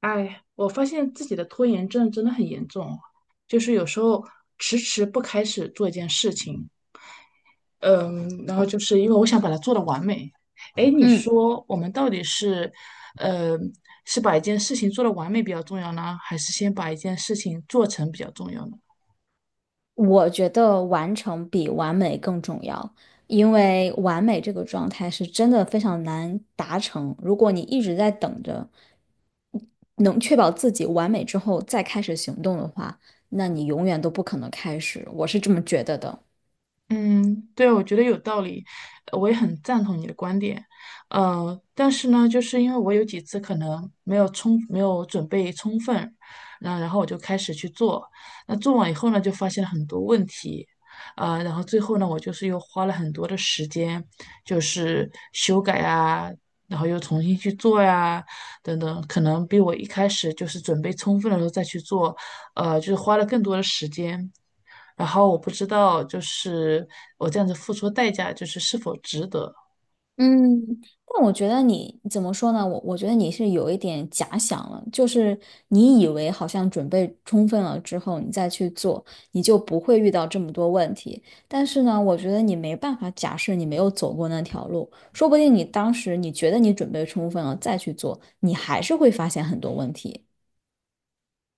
哎，我发现自己的拖延症真的很严重哦，就是有时候迟迟不开始做一件事情，嗯，然后就是因为我想把它做的完美。哎，你嗯，说我们到底是，呃，是把一件事情做的完美比较重要呢，还是先把一件事情做成比较重要呢？我觉得完成比完美更重要，因为完美这个状态是真的非常难达成。如果你一直在等着能确保自己完美之后再开始行动的话，那你永远都不可能开始。我是这么觉得的。嗯，对，我觉得有道理，我也很赞同你的观点。但是呢，就是因为我有几次可能没有准备充分，那然后我就开始去做，那做完以后呢，就发现了很多问题，然后最后呢，我就是又花了很多的时间，就是修改啊，然后又重新去做呀，等等，可能比我一开始就是准备充分的时候再去做。就是花了更多的时间。然后我不知道，就是我这样子付出的代价，就是是否值得。嗯，但我觉得你怎么说呢？我觉得你是有一点假想了，就是你以为好像准备充分了之后，你再去做，你就不会遇到这么多问题。但是呢，我觉得你没办法假设你没有走过那条路，说不定你当时你觉得你准备充分了再去做，你还是会发现很多问题。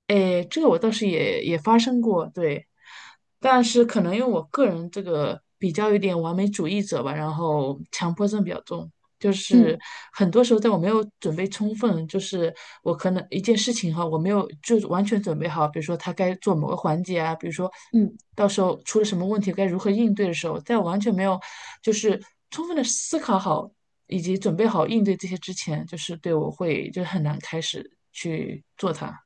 诶，这个我倒是也发生过，对，但是可能因为我个人这个比较有点完美主义者吧，然后强迫症比较重，就是嗯很多时候在我没有准备充分，就是我可能一件事情哈，我没有就是完全准备好，比如说他该做某个环节啊，比如说嗯。到时候出了什么问题该如何应对的时候，在我完全没有就是充分的思考好以及准备好应对这些之前，就是对我会就是很难开始去做它。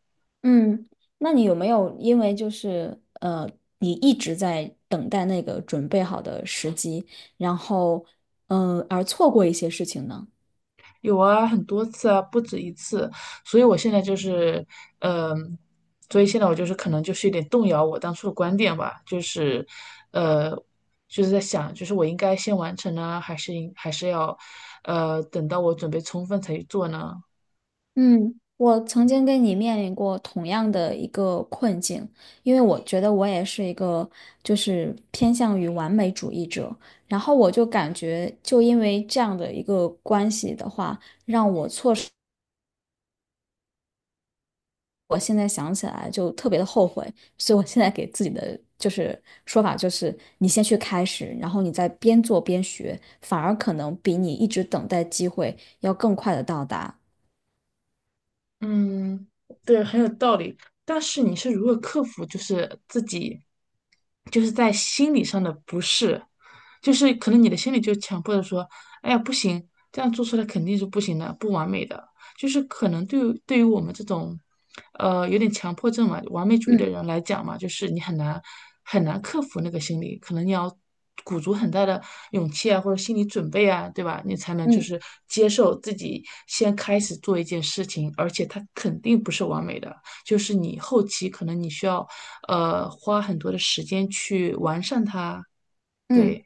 嗯，那你有没有因为你一直在等待那个准备好的时机，然后而错过一些事情呢？有啊，很多次啊，不止一次，所以我现在就是，嗯、所以现在我就是可能就是有点动摇我当初的观点吧，就是，呃，就是在想，就是我应该先完成呢，还是要，等到我准备充分才去做呢？嗯，我曾经跟你面临过同样的一个困境，因为我觉得我也是一个就是偏向于完美主义者，然后我就感觉就因为这样的一个关系的话。我现在想起来就特别的后悔，所以我现在给自己的就是说法就是，你先去开始，然后你再边做边学，反而可能比你一直等待机会要更快的到达。嗯，对，很有道理。但是你是如何克服，就是自己，就是在心理上的不适，就是可能你的心里就强迫着说，哎呀，不行，这样做出来肯定是不行的，不完美的。就是可能对于我们这种，有点强迫症嘛，完美主义的嗯人来讲嘛，就是你很难很难克服那个心理，可能你要鼓足很大的勇气啊，或者心理准备啊，对吧？你才能就嗯是接受自己先开始做一件事情，而且它肯定不是完美的，就是你后期可能你需要，花很多的时间去完善它。嗯。对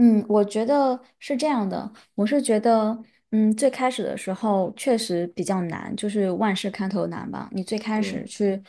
嗯，我觉得是这样的，我是觉得，嗯，最开始的时候确实比较难，就是万事开头难吧。你最开始对。去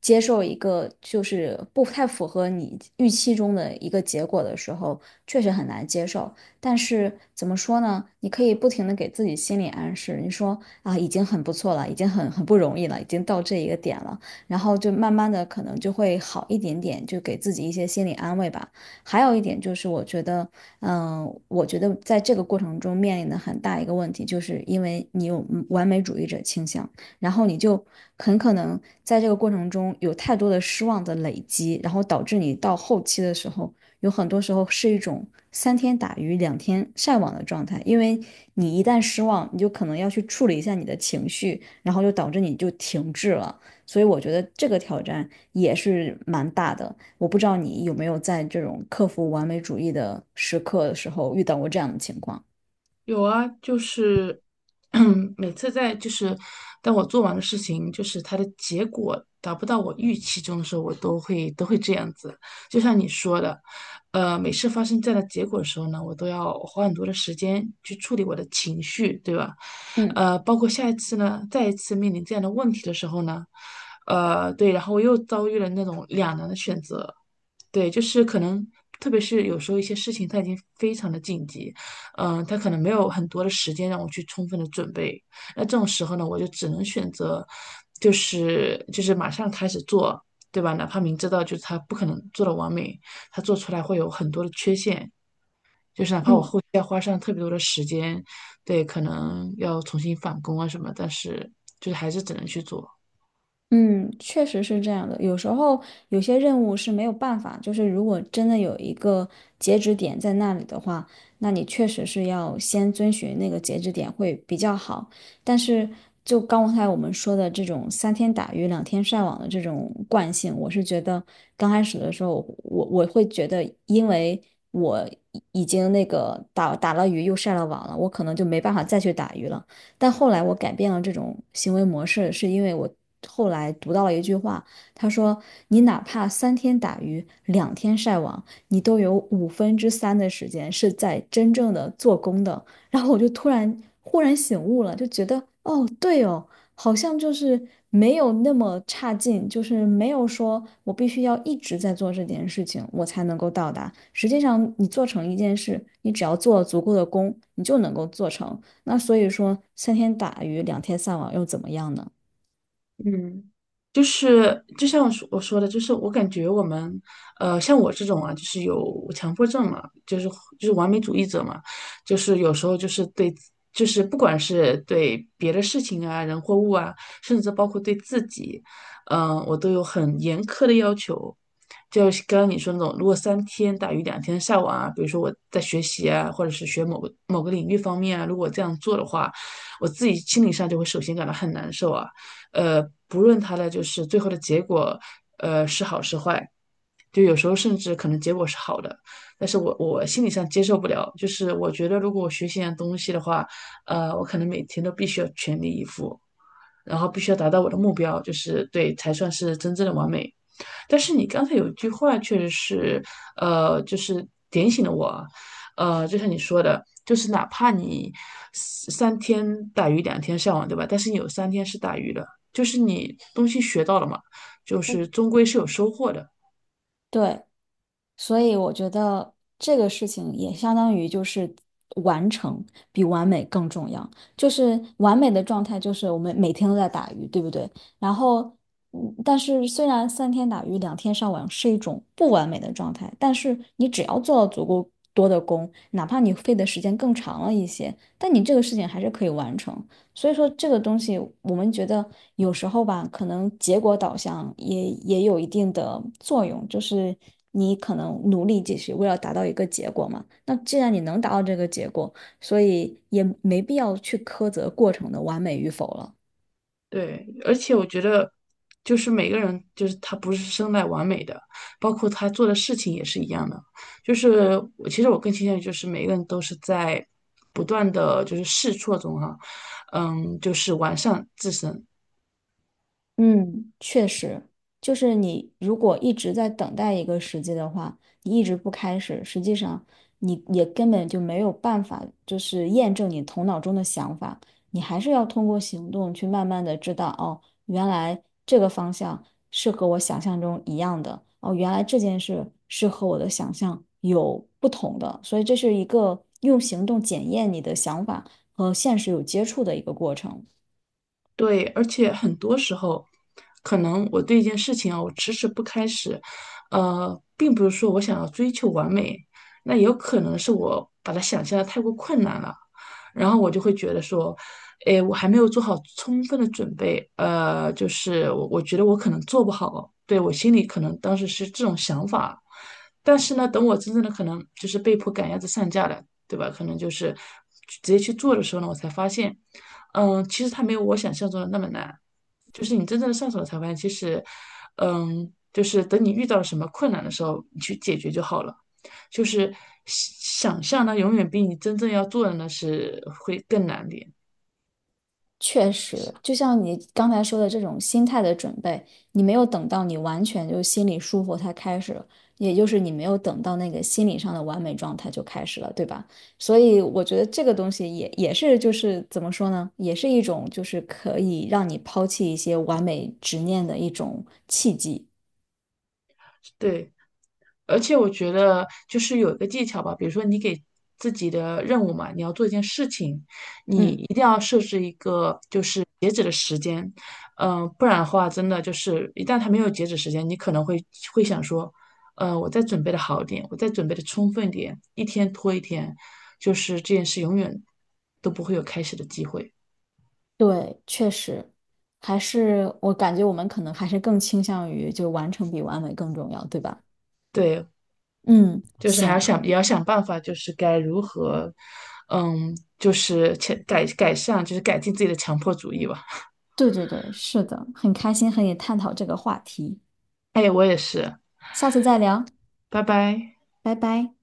接受一个就是不太符合你预期中的一个结果的时候，确实很难接受。但是怎么说呢？你可以不停的给自己心理暗示，你说啊，已经很不错了，已经很不容易了，已经到这一个点了，然后就慢慢的可能就会好一点点，就给自己一些心理安慰吧。还有一点就是，我觉得。嗯，我觉得在这个过程中面临的很大一个问题，就是因为你有完美主义者倾向，然后你就很可能在这个过程中有太多的失望的累积，然后导致你到后期的时候，有很多时候是一种三天打鱼两天晒网的状态，因为你一旦失望，你就可能要去处理一下你的情绪，然后就导致你就停滞了。所以我觉得这个挑战也是蛮大的。我不知道你有没有在这种克服完美主义的时刻的时候遇到过这样的情况。有啊，就是 每次在就是当我做完的事情，就是它的结果达不到我预期中的时候，我都会这样子。就像你说的，每次发生这样的结果的时候呢，我都要花很多的时间去处理我的情绪，对吧？嗯包括下一次呢，再一次面临这样的问题的时候呢，对，然后我又遭遇了那种两难的选择，对，就是可能，特别是有时候一些事情它已经非常的紧急，它可能没有很多的时间让我去充分的准备。那这种时候呢，我就只能选择，就是马上开始做，对吧？哪怕明知道就是他不可能做的完美，他做出来会有很多的缺陷，就是哪怕我嗯。后期要花上特别多的时间，对，可能要重新返工啊什么，但是就是还是只能去做。嗯，确实是这样的。有时候有些任务是没有办法，就是如果真的有一个截止点在那里的话，那你确实是要先遵循那个截止点会比较好。但是就刚才我们说的这种三天打鱼两天晒网的这种惯性，我是觉得刚开始的时候，我会觉得，因为我已经那个打了鱼又晒了网了，我可能就没办法再去打鱼了。但后来我改变了这种行为模式，是因为我后来读到了一句话，他说：“你哪怕三天打鱼两天晒网，你都有五分之三的时间是在真正的做工的。”然后我就忽然醒悟了，就觉得哦，对哦，好像就是没有那么差劲，就是没有说我必须要一直在做这件事情，我才能够到达。实际上，你做成一件事，你只要做足够的工，你就能够做成。那所以说，三天打鱼两天晒网又怎么样呢？嗯，就是就像我说的，就是我感觉我们，像我这种啊，就是有强迫症嘛，就是完美主义者嘛，就是有时候就是对，就是不管是对别的事情啊、人或物啊，甚至包括对自己，我都有很严苛的要求。就是刚刚你说那种，如果三天打鱼两天晒网啊，比如说我在学习啊，或者是学某个领域方面啊，如果这样做的话，我自己心理上就会首先感到很难受啊。呃，不论它的就是最后的结果，是好是坏，就有时候甚至可能结果是好的，但是我心理上接受不了，就是我觉得如果我学习一样东西的话，我可能每天都必须要全力以赴，然后必须要达到我的目标，就是对才算是真正的完美。但是你刚才有一句话确实是，就是点醒了我啊就像你说的，就是哪怕你三天打鱼两天晒网，对吧？但是你有三天是打鱼的，就是你东西学到了嘛，就是终归是有收获的。对，所以我觉得这个事情也相当于就是完成比完美更重要。就是完美的状态，就是我们每天都在打鱼，对不对？然后，嗯，但是虽然三天打鱼两天上网是一种不完美的状态，但是你只要做了足够多的工，哪怕你费的时间更长了一些，但你这个事情还是可以完成。所以说这个东西，我们觉得有时候吧，可能结果导向也有一定的作用，就是你可能努力继续，为了达到一个结果嘛。那既然你能达到这个结果，所以也没必要去苛责过程的完美与否了。对，而且我觉得，就是每个人，就是他不是生来完美的，包括他做的事情也是一样的。就是我其实更倾向于，就是每个人都是在不断的就是试错中哈、就是完善自身。嗯，确实，就是你如果一直在等待一个时机的话，你一直不开始，实际上你也根本就没有办法，就是验证你头脑中的想法，你还是要通过行动去慢慢的知道，哦，原来这个方向是和我想象中一样的，哦，原来这件事是和我的想象有不同的，所以这是一个用行动检验你的想法和现实有接触的一个过程。对，而且很多时候，可能我对一件事情啊，我迟迟不开始，并不是说我想要追求完美，那也有可能是我把它想象的太过困难了，然后我就会觉得说，哎，我还没有做好充分的准备，就是我觉得我可能做不好，对，我心里可能当时是这种想法，但是呢，等我真正的可能就是被迫赶鸭子上架了，对吧？可能就是直接去做的时候呢，我才发现。其实它没有我想象中的那么难，就是你真正的上手了才发现，其实，就是等你遇到了什么困难的时候，你去解决就好了。就是想象呢，永远比你真正要做的呢是会更难点。确就实，是就像你刚才说的这种心态的准备，你没有等到你完全就心里舒服才开始，也就是你没有等到那个心理上的完美状态就开始了，对吧？所以我觉得这个东西也是就是怎么说呢，也是一种就是可以让你抛弃一些完美执念的一种契机。对，而且我觉得就是有一个技巧吧，比如说你给自己的任务嘛，你要做一件事情，你一嗯，定要设置一个就是截止的时间，不然的话，真的就是一旦它没有截止时间，你可能会想说，我再准备的好一点，我再准备的充分一点，一天拖一天，就是这件事永远都不会有开始的机会。对，确实，还是我感觉我们可能还是更倾向于就完成比完美更重要，对吧？对，嗯，就是还要行。想，也要想办法，就是该如何，就是改善，就是改进自己的强迫主义吧。对对对，是的，很开心和你探讨这个话题，哎，我也是，下次再聊，拜拜。拜拜。